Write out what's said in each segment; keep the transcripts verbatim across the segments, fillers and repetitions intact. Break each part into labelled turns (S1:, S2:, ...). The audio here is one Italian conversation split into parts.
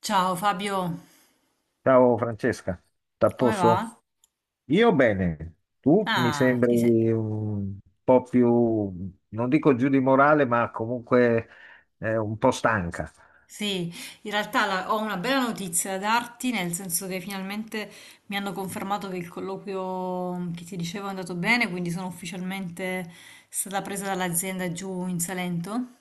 S1: Ciao Fabio,
S2: Ciao Francesca,
S1: come va?
S2: t'apposto? Io bene, tu mi
S1: Ah, ti sei-
S2: sembri un po' più, non dico giù di morale, ma comunque eh, un po' stanca.
S1: sì, in realtà la- ho una bella notizia da darti, nel senso che finalmente mi hanno confermato che il colloquio che ti dicevo è andato bene, quindi sono ufficialmente stata presa dall'azienda giù in Salento.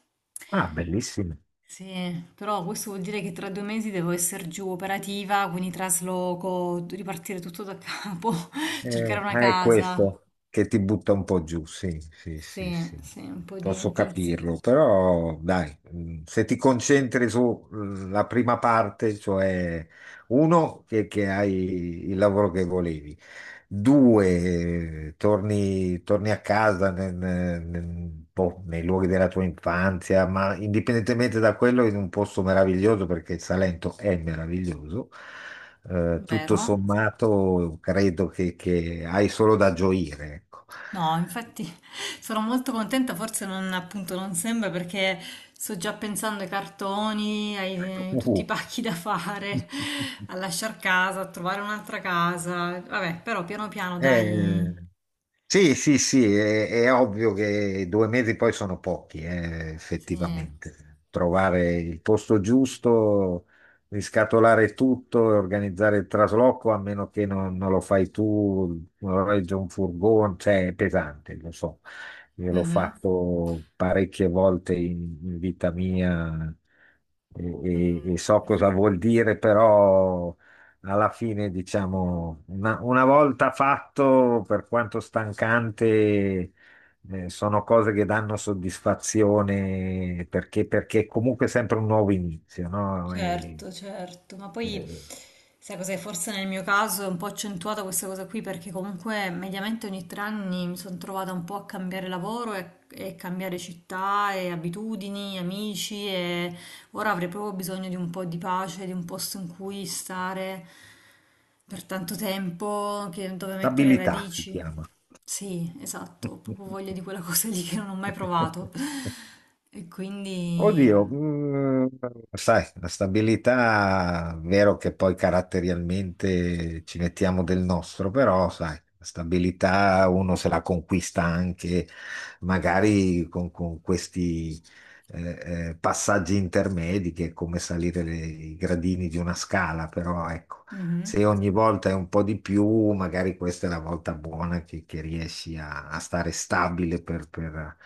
S2: Ah, bellissimo.
S1: Sì, però questo vuol dire che tra due mesi devo essere giù operativa, quindi trasloco, ripartire tutto da capo, cercare
S2: Eh,
S1: una
S2: ah, è
S1: casa.
S2: questo che ti butta un po' giù, sì, sì, sì,
S1: Sì,
S2: sì.
S1: sì, un po' di
S2: Posso
S1: pensiero.
S2: capirlo, però dai, mm, se ti concentri sulla prima parte, cioè uno, che, che hai il lavoro che volevi, due, eh, torni, torni a casa nel- nel- nel- boh, nei luoghi della tua infanzia, ma indipendentemente da quello, in un posto meraviglioso, perché il Salento è meraviglioso. Eh, tutto
S1: Vero?
S2: sommato, credo che, che hai solo da gioire, ecco.
S1: No, infatti sono molto contenta, forse non, appunto non sembra perché sto già pensando ai cartoni, ai eh, tutti
S2: Uh.
S1: i pacchi da fare, a lasciar casa, a trovare un'altra casa. Vabbè, però piano piano
S2: Eh,
S1: dai.
S2: Sì, sì, sì, è, è ovvio che due mesi poi sono pochi, eh,
S1: Sì.
S2: effettivamente. Trovare il posto giusto, riscatolare tutto e organizzare il trasloco, a meno che non, non lo fai tu, non regge un furgone, cioè è pesante, lo so. Io l'ho
S1: Mhm.
S2: fatto parecchie volte in, in vita mia e, e- e so
S1: Mhm.
S2: cosa vuol dire, però alla fine, diciamo, una, una volta fatto, per quanto stancante, eh, sono cose che danno soddisfazione perché, perché comunque è sempre un nuovo inizio, no? E-
S1: Certo, certo, ma poi
S2: e-
S1: sai cos'è? Forse nel mio caso è un po' accentuata questa cosa qui perché comunque mediamente ogni tre anni mi sono trovata un po' a cambiare lavoro e, e cambiare città e abitudini, amici e ora avrei proprio bisogno di un po' di pace, di un posto in cui stare per tanto tempo, che- dove mettere
S2: Stabilità si
S1: radici.
S2: chiama.
S1: Sì, esatto, ho proprio voglia di quella cosa lì che non ho mai provato. E quindi...
S2: Oddio, mm, sai, la stabilità, vero che poi caratterialmente ci mettiamo del nostro, però sai, la stabilità uno se la conquista anche magari con, con questi eh, eh, passaggi intermedi che è come salire le- i gradini di una scala, però ecco,
S1: mhm.
S2: se ogni volta è un po' di più, magari questa è la volta buona che, che riesci a, a stare stabile per per-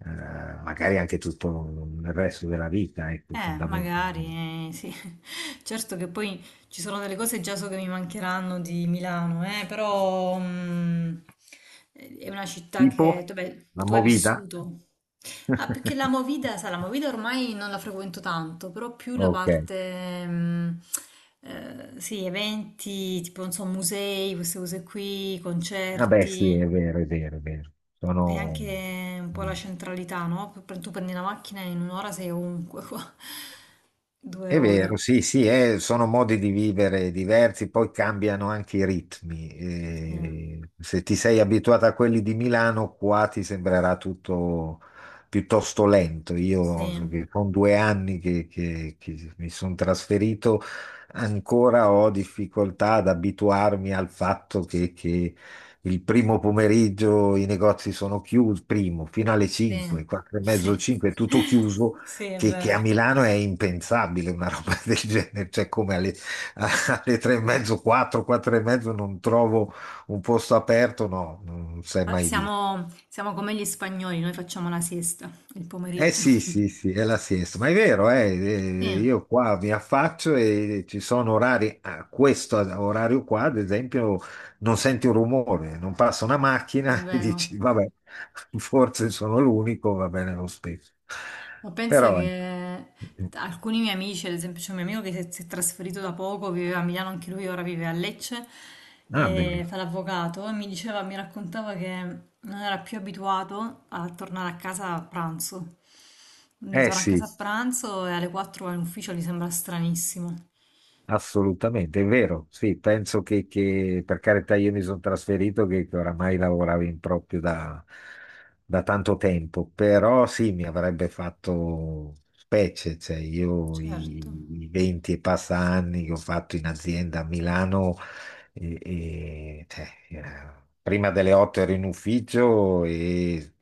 S2: eh, magari anche tutto il resto della vita, ecco,
S1: Eh,
S2: fondamentalmente.
S1: magari, eh, sì. Certo che poi ci sono delle cose già so che mi mancheranno di Milano, eh, però mm, è una città che,
S2: Tipo
S1: vabbè,
S2: la
S1: tu hai
S2: movida?
S1: vissuto. Ah, perché la Movida, sai, la Movida ormai non la frequento tanto, però più la
S2: Ok,
S1: parte, mm, eh, sì, eventi, tipo, non so, musei, queste cose qui,
S2: vabbè, sì, è
S1: concerti.
S2: vero, è vero, è vero.
S1: E
S2: Sono...
S1: anche un po'
S2: mm.
S1: la centralità, no? P- Tu prendi la macchina e in un'ora sei ovunque qua. Due
S2: È vero,
S1: ore.
S2: sì, sì, eh, sono modi di vivere diversi, poi cambiano anche i ritmi.
S1: Sì,
S2: Eh, se ti sei abituato a quelli di Milano, qua ti sembrerà tutto piuttosto lento. Io so
S1: sì,
S2: che con due anni che, che- che mi sono trasferito, ancora ho difficoltà ad abituarmi al fatto che, che il primo pomeriggio i negozi sono chiusi, primo, fino alle
S1: sì,
S2: cinque, quattro e mezzo,
S1: sì.
S2: cinque, è tutto chiuso
S1: Sì, è
S2: che, che
S1: vero.
S2: a Milano è impensabile una roba del genere, cioè come alle, a- alle tre e mezzo, quattro, quattro e mezzo non trovo un posto aperto, no, non sei
S1: Ma
S2: mai visto.
S1: Siamo, siamo come gli spagnoli, noi facciamo la siesta il
S2: Eh
S1: pomeriggio.
S2: sì, sì, sì, è la siesta, ma è vero, eh,
S1: Sì,
S2: eh, io qua mi affaccio e ci sono orari, a questo orario qua, ad esempio, non senti un rumore, non passa una
S1: è
S2: macchina e
S1: vero.
S2: dici, vabbè, forse sono l'unico, va bene lo stesso.
S1: Ma penso
S2: Però, ecco.
S1: che alcuni miei amici, ad esempio c'è un mio amico che si è, si è trasferito da poco, viveva a Milano anche lui, ora vive a Lecce,
S2: Ah,
S1: e
S2: bellissimo.
S1: fa l'avvocato, e mi diceva, mi raccontava che non era più abituato a tornare a casa a pranzo. Quindi
S2: Eh
S1: torna a casa
S2: sì.
S1: a pranzo e alle quattro va in ufficio, gli sembra stranissimo.
S2: Assolutamente, è vero, sì, penso che, che, per carità, io mi sono trasferito che, che oramai lavoravo in proprio da, da tanto tempo, però sì, mi avrebbe fatto specie, cioè io
S1: Certo,
S2: i, i venti e passa anni che ho fatto in azienda a Milano, e- e, cioè, eh, prima delle otto ero in ufficio e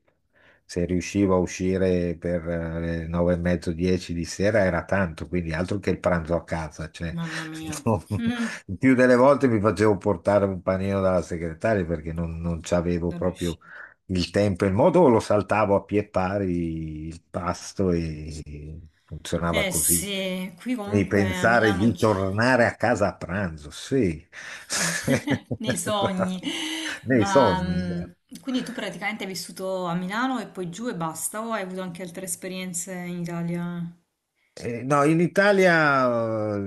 S2: se riuscivo a uscire per eh, le nove e mezzo, dieci di sera era tanto, quindi altro che il pranzo a casa, cioè
S1: mamma mia.
S2: no, il più delle volte mi facevo portare un panino dalla segretaria perché non, non c'avevo
S1: Non
S2: proprio
S1: riuscivo.
S2: il tempo e il modo, o lo saltavo a pie pari il pasto e funzionava
S1: Eh
S2: così.
S1: sì, qui
S2: Devi
S1: comunque a
S2: pensare
S1: Milano
S2: di
S1: c'è.
S2: tornare a casa a pranzo, sì.
S1: Sì, nei sogni,
S2: Nei
S1: ma
S2: sogni.
S1: mm, quindi tu praticamente hai vissuto a Milano e poi giù e basta, o hai avuto anche altre esperienze in Italia?
S2: Eh, no, in Italia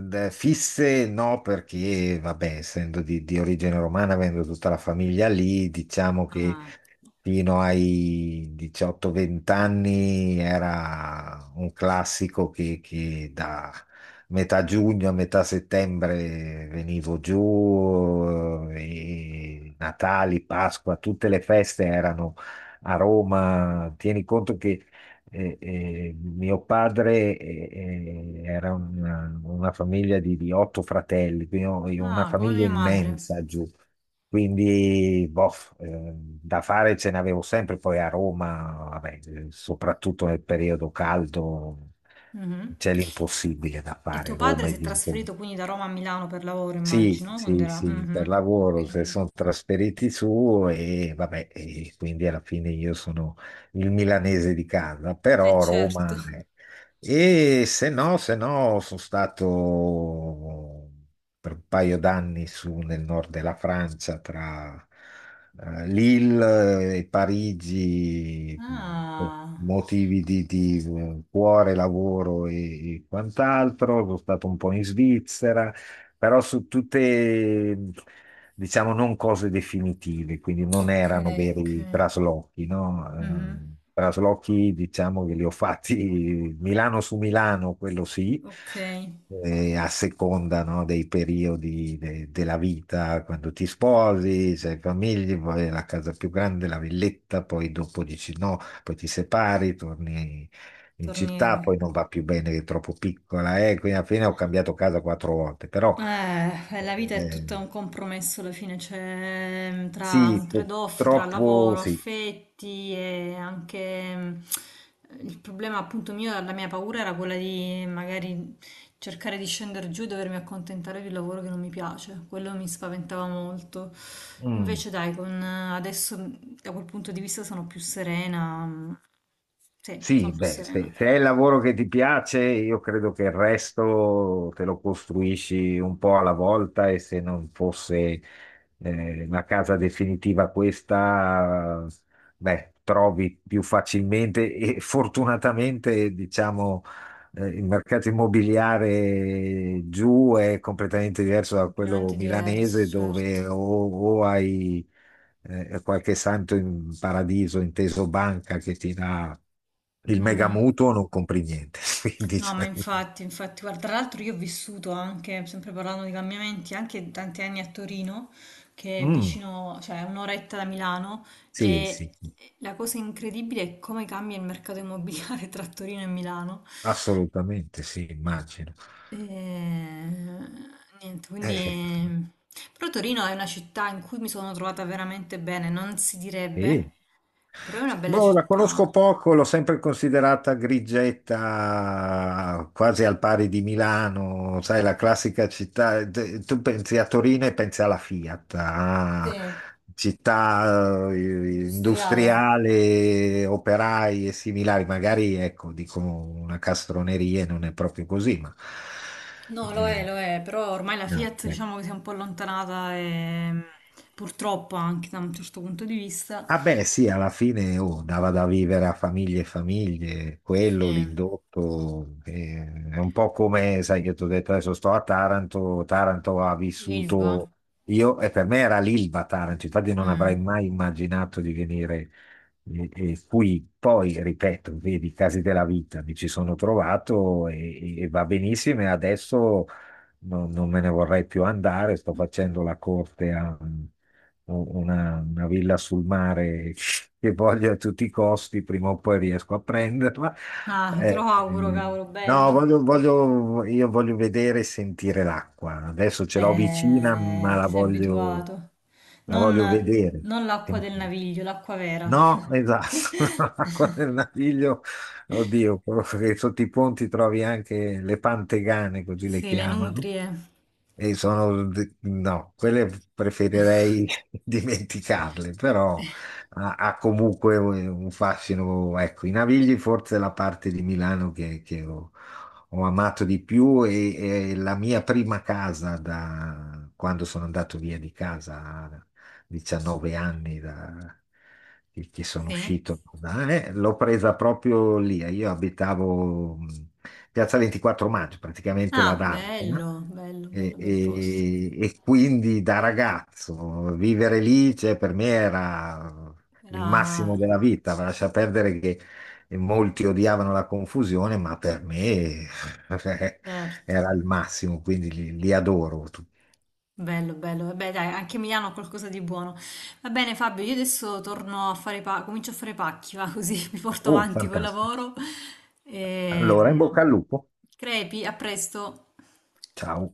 S2: eh, eh, fisse no, perché vabbè, essendo di, di origine romana, avendo tutta la famiglia lì, diciamo che
S1: Ah,
S2: fino ai diciotto venti anni era un classico che, che da metà giugno a metà settembre venivo giù, eh, e Natali, Pasqua, tutte le feste erano a Roma. Tieni conto che e- e mio padre eh, eh, era una, una famiglia di, di otto fratelli, quindi ho- io- una
S1: ah, come
S2: famiglia
S1: mia madre.
S2: immensa giù. Quindi, boh, eh, da fare ce n'avevo sempre. Poi a Roma, vabbè, eh, soprattutto nel periodo caldo,
S1: Mhm.
S2: c'è l'impossibile da
S1: E
S2: fare.
S1: tuo
S2: Roma
S1: padre si
S2: e
S1: è
S2: dintorni.
S1: trasferito quindi da Roma a Milano per lavoro,
S2: Sì,
S1: immagino, quando
S2: sì,
S1: era...
S2: sì, per
S1: Mhm,
S2: lavoro
S1: ok,
S2: se sono trasferiti su e vabbè, e quindi alla fine io sono il milanese di casa,
S1: eh
S2: però
S1: certo.
S2: Roma è- e se no, se no, sono stato per un paio d'anni su nel nord della Francia, tra eh, Lille e Parigi, per
S1: Ah,
S2: motivi di, di, eh, cuore, lavoro e, e quant'altro, sono stato un po' in Svizzera però su tutte, diciamo, non cose definitive, quindi non
S1: ok,
S2: erano
S1: ok.
S2: veri traslochi,
S1: Mhm,
S2: no? Eh, traslochi, diciamo, che li ho fatti Milano su Milano, quello sì,
S1: ok,
S2: eh, a seconda, no, dei periodi de- della vita, quando ti sposi, sei famiglia, poi la casa più grande, la villetta, poi dopo dici no, poi ti separi, torni in città,
S1: tornieri.
S2: poi non va più bene, che è troppo piccola, eh, quindi alla fine ho cambiato casa quattro volte, però
S1: Eh, la vita è
S2: eh,
S1: tutta un compromesso alla fine, c'è mm, tra
S2: sì,
S1: un trade-off tra
S2: purtroppo
S1: lavoro,
S2: sì.
S1: affetti e anche mm, il problema appunto mio, la mia paura era quella di magari cercare di scendere giù e dovermi accontentare di un lavoro che non mi piace, quello mi spaventava molto.
S2: Mm,
S1: Invece dai, con, eh, adesso mm, da quel punto di vista sono più serena, mm, sì, sono
S2: sì,
S1: più
S2: beh,
S1: serena,
S2: se, se è il lavoro che ti piace, io credo che il resto te lo costruisci un po' alla volta e se non fosse eh, una casa definitiva questa, beh, trovi più facilmente e fortunatamente, diciamo, eh, il mercato immobiliare giù è completamente diverso da quello
S1: completamente diverso,
S2: milanese
S1: certo.
S2: dove o, o hai eh, qualche santo in paradiso, inteso banca, che ti dà il mega
S1: Mhm.
S2: mutuo, non compri niente. Quindi,
S1: No, ma
S2: cioè,
S1: infatti, infatti, guarda, tra l'altro io ho vissuto anche, sempre parlando di cambiamenti, anche tanti anni a Torino, che è
S2: mm,
S1: vicino, cioè è un'oretta da Milano,
S2: sì,
S1: e
S2: sì,
S1: la cosa incredibile è come cambia il mercato immobiliare tra Torino e Milano.
S2: assolutamente sì, immagino.
S1: E... Niente,
S2: Eh,
S1: quindi... Però Torino è una città in cui mi sono trovata veramente bene, non si
S2: Sì.
S1: direbbe, però è una bella
S2: Boh, la
S1: città.
S2: conosco poco, l'ho sempre considerata grigetta, quasi al pari di Milano, sai, la classica città. de- Tu pensi a Torino e pensi alla Fiat, a
S1: Sì,
S2: città eh,
S1: industriale.
S2: industriale, operai e similari. Magari, ecco, dico una castroneria, non è proprio così, ma
S1: No, lo è,
S2: eh,
S1: lo è, però ormai la
S2: no,
S1: Fiat
S2: ecco.
S1: diciamo che si è un po' allontanata e mh, purtroppo anche da un certo punto di vista.
S2: Ah beh, sì, alla fine oh, dava da vivere a famiglie e famiglie, quello,
S1: Sì,
S2: l'indotto, eh, è un po' come, sai che ti ho detto adesso sto a Taranto, Taranto ha
S1: Ilva.
S2: vissuto, io, e per me era l'Ilva Taranto, infatti non avrei
S1: Mm.
S2: mai immaginato di venire eh, eh, qui, poi, ripeto, vedi, i casi della vita, mi ci sono trovato e, e- e va benissimo e adesso non, non me ne vorrei più andare, sto facendo la corte a un- una, una villa sul mare che voglio a tutti i costi, prima o poi riesco a prenderla.
S1: Ah, te lo
S2: Eh,
S1: auguro,
S2: ehm,
S1: cavolo,
S2: no,
S1: bello.
S2: voglio, voglio- io voglio vedere e sentire l'acqua. Adesso ce l'ho vicina, ma
S1: Eh,
S2: la
S1: ti sei
S2: voglio,
S1: abituato.
S2: la voglio
S1: Non,
S2: vedere.
S1: non l'acqua del
S2: Sentire.
S1: naviglio, l'acqua vera.
S2: No, esatto, l'acqua del Naviglio. Oddio, quello che sotto i ponti trovi anche le pantegane, così le
S1: Sì, le
S2: chiamano.
S1: nutrie.
S2: E sono, de- no, quelle preferirei dimenticarle, però ha, ha comunque un un fascino. Ecco, i Navigli forse è la parte di Milano che, che ho, ho amato di più e, è la mia prima casa da quando sono andato via di casa diciannove anni da- che, che sono
S1: Sì.
S2: uscito, da- eh, l'ho presa proprio lì. Eh, io abitavo mh, Piazza ventiquattro Maggio, praticamente la
S1: Ah,
S2: D'Arpena,
S1: bello, bello,
S2: e,
S1: bello, bel posto.
S2: e- e quindi da ragazzo vivere lì, cioè, per me era il
S1: Era...
S2: massimo della vita. Lascia perdere che molti odiavano la confusione, ma per me
S1: Certo.
S2: era il massimo, quindi li, li adoro tutti.
S1: Bello, bello. Vabbè, dai, anche Milano ha qualcosa di buono. Va bene, Fabio, io adesso torno a fare pa- comincio a fare pacchi, va così mi porto
S2: Oh,
S1: avanti col
S2: fantastico.
S1: lavoro.
S2: Allora, in bocca
S1: Ehm,
S2: al lupo.
S1: crepi, a presto.
S2: Ciao.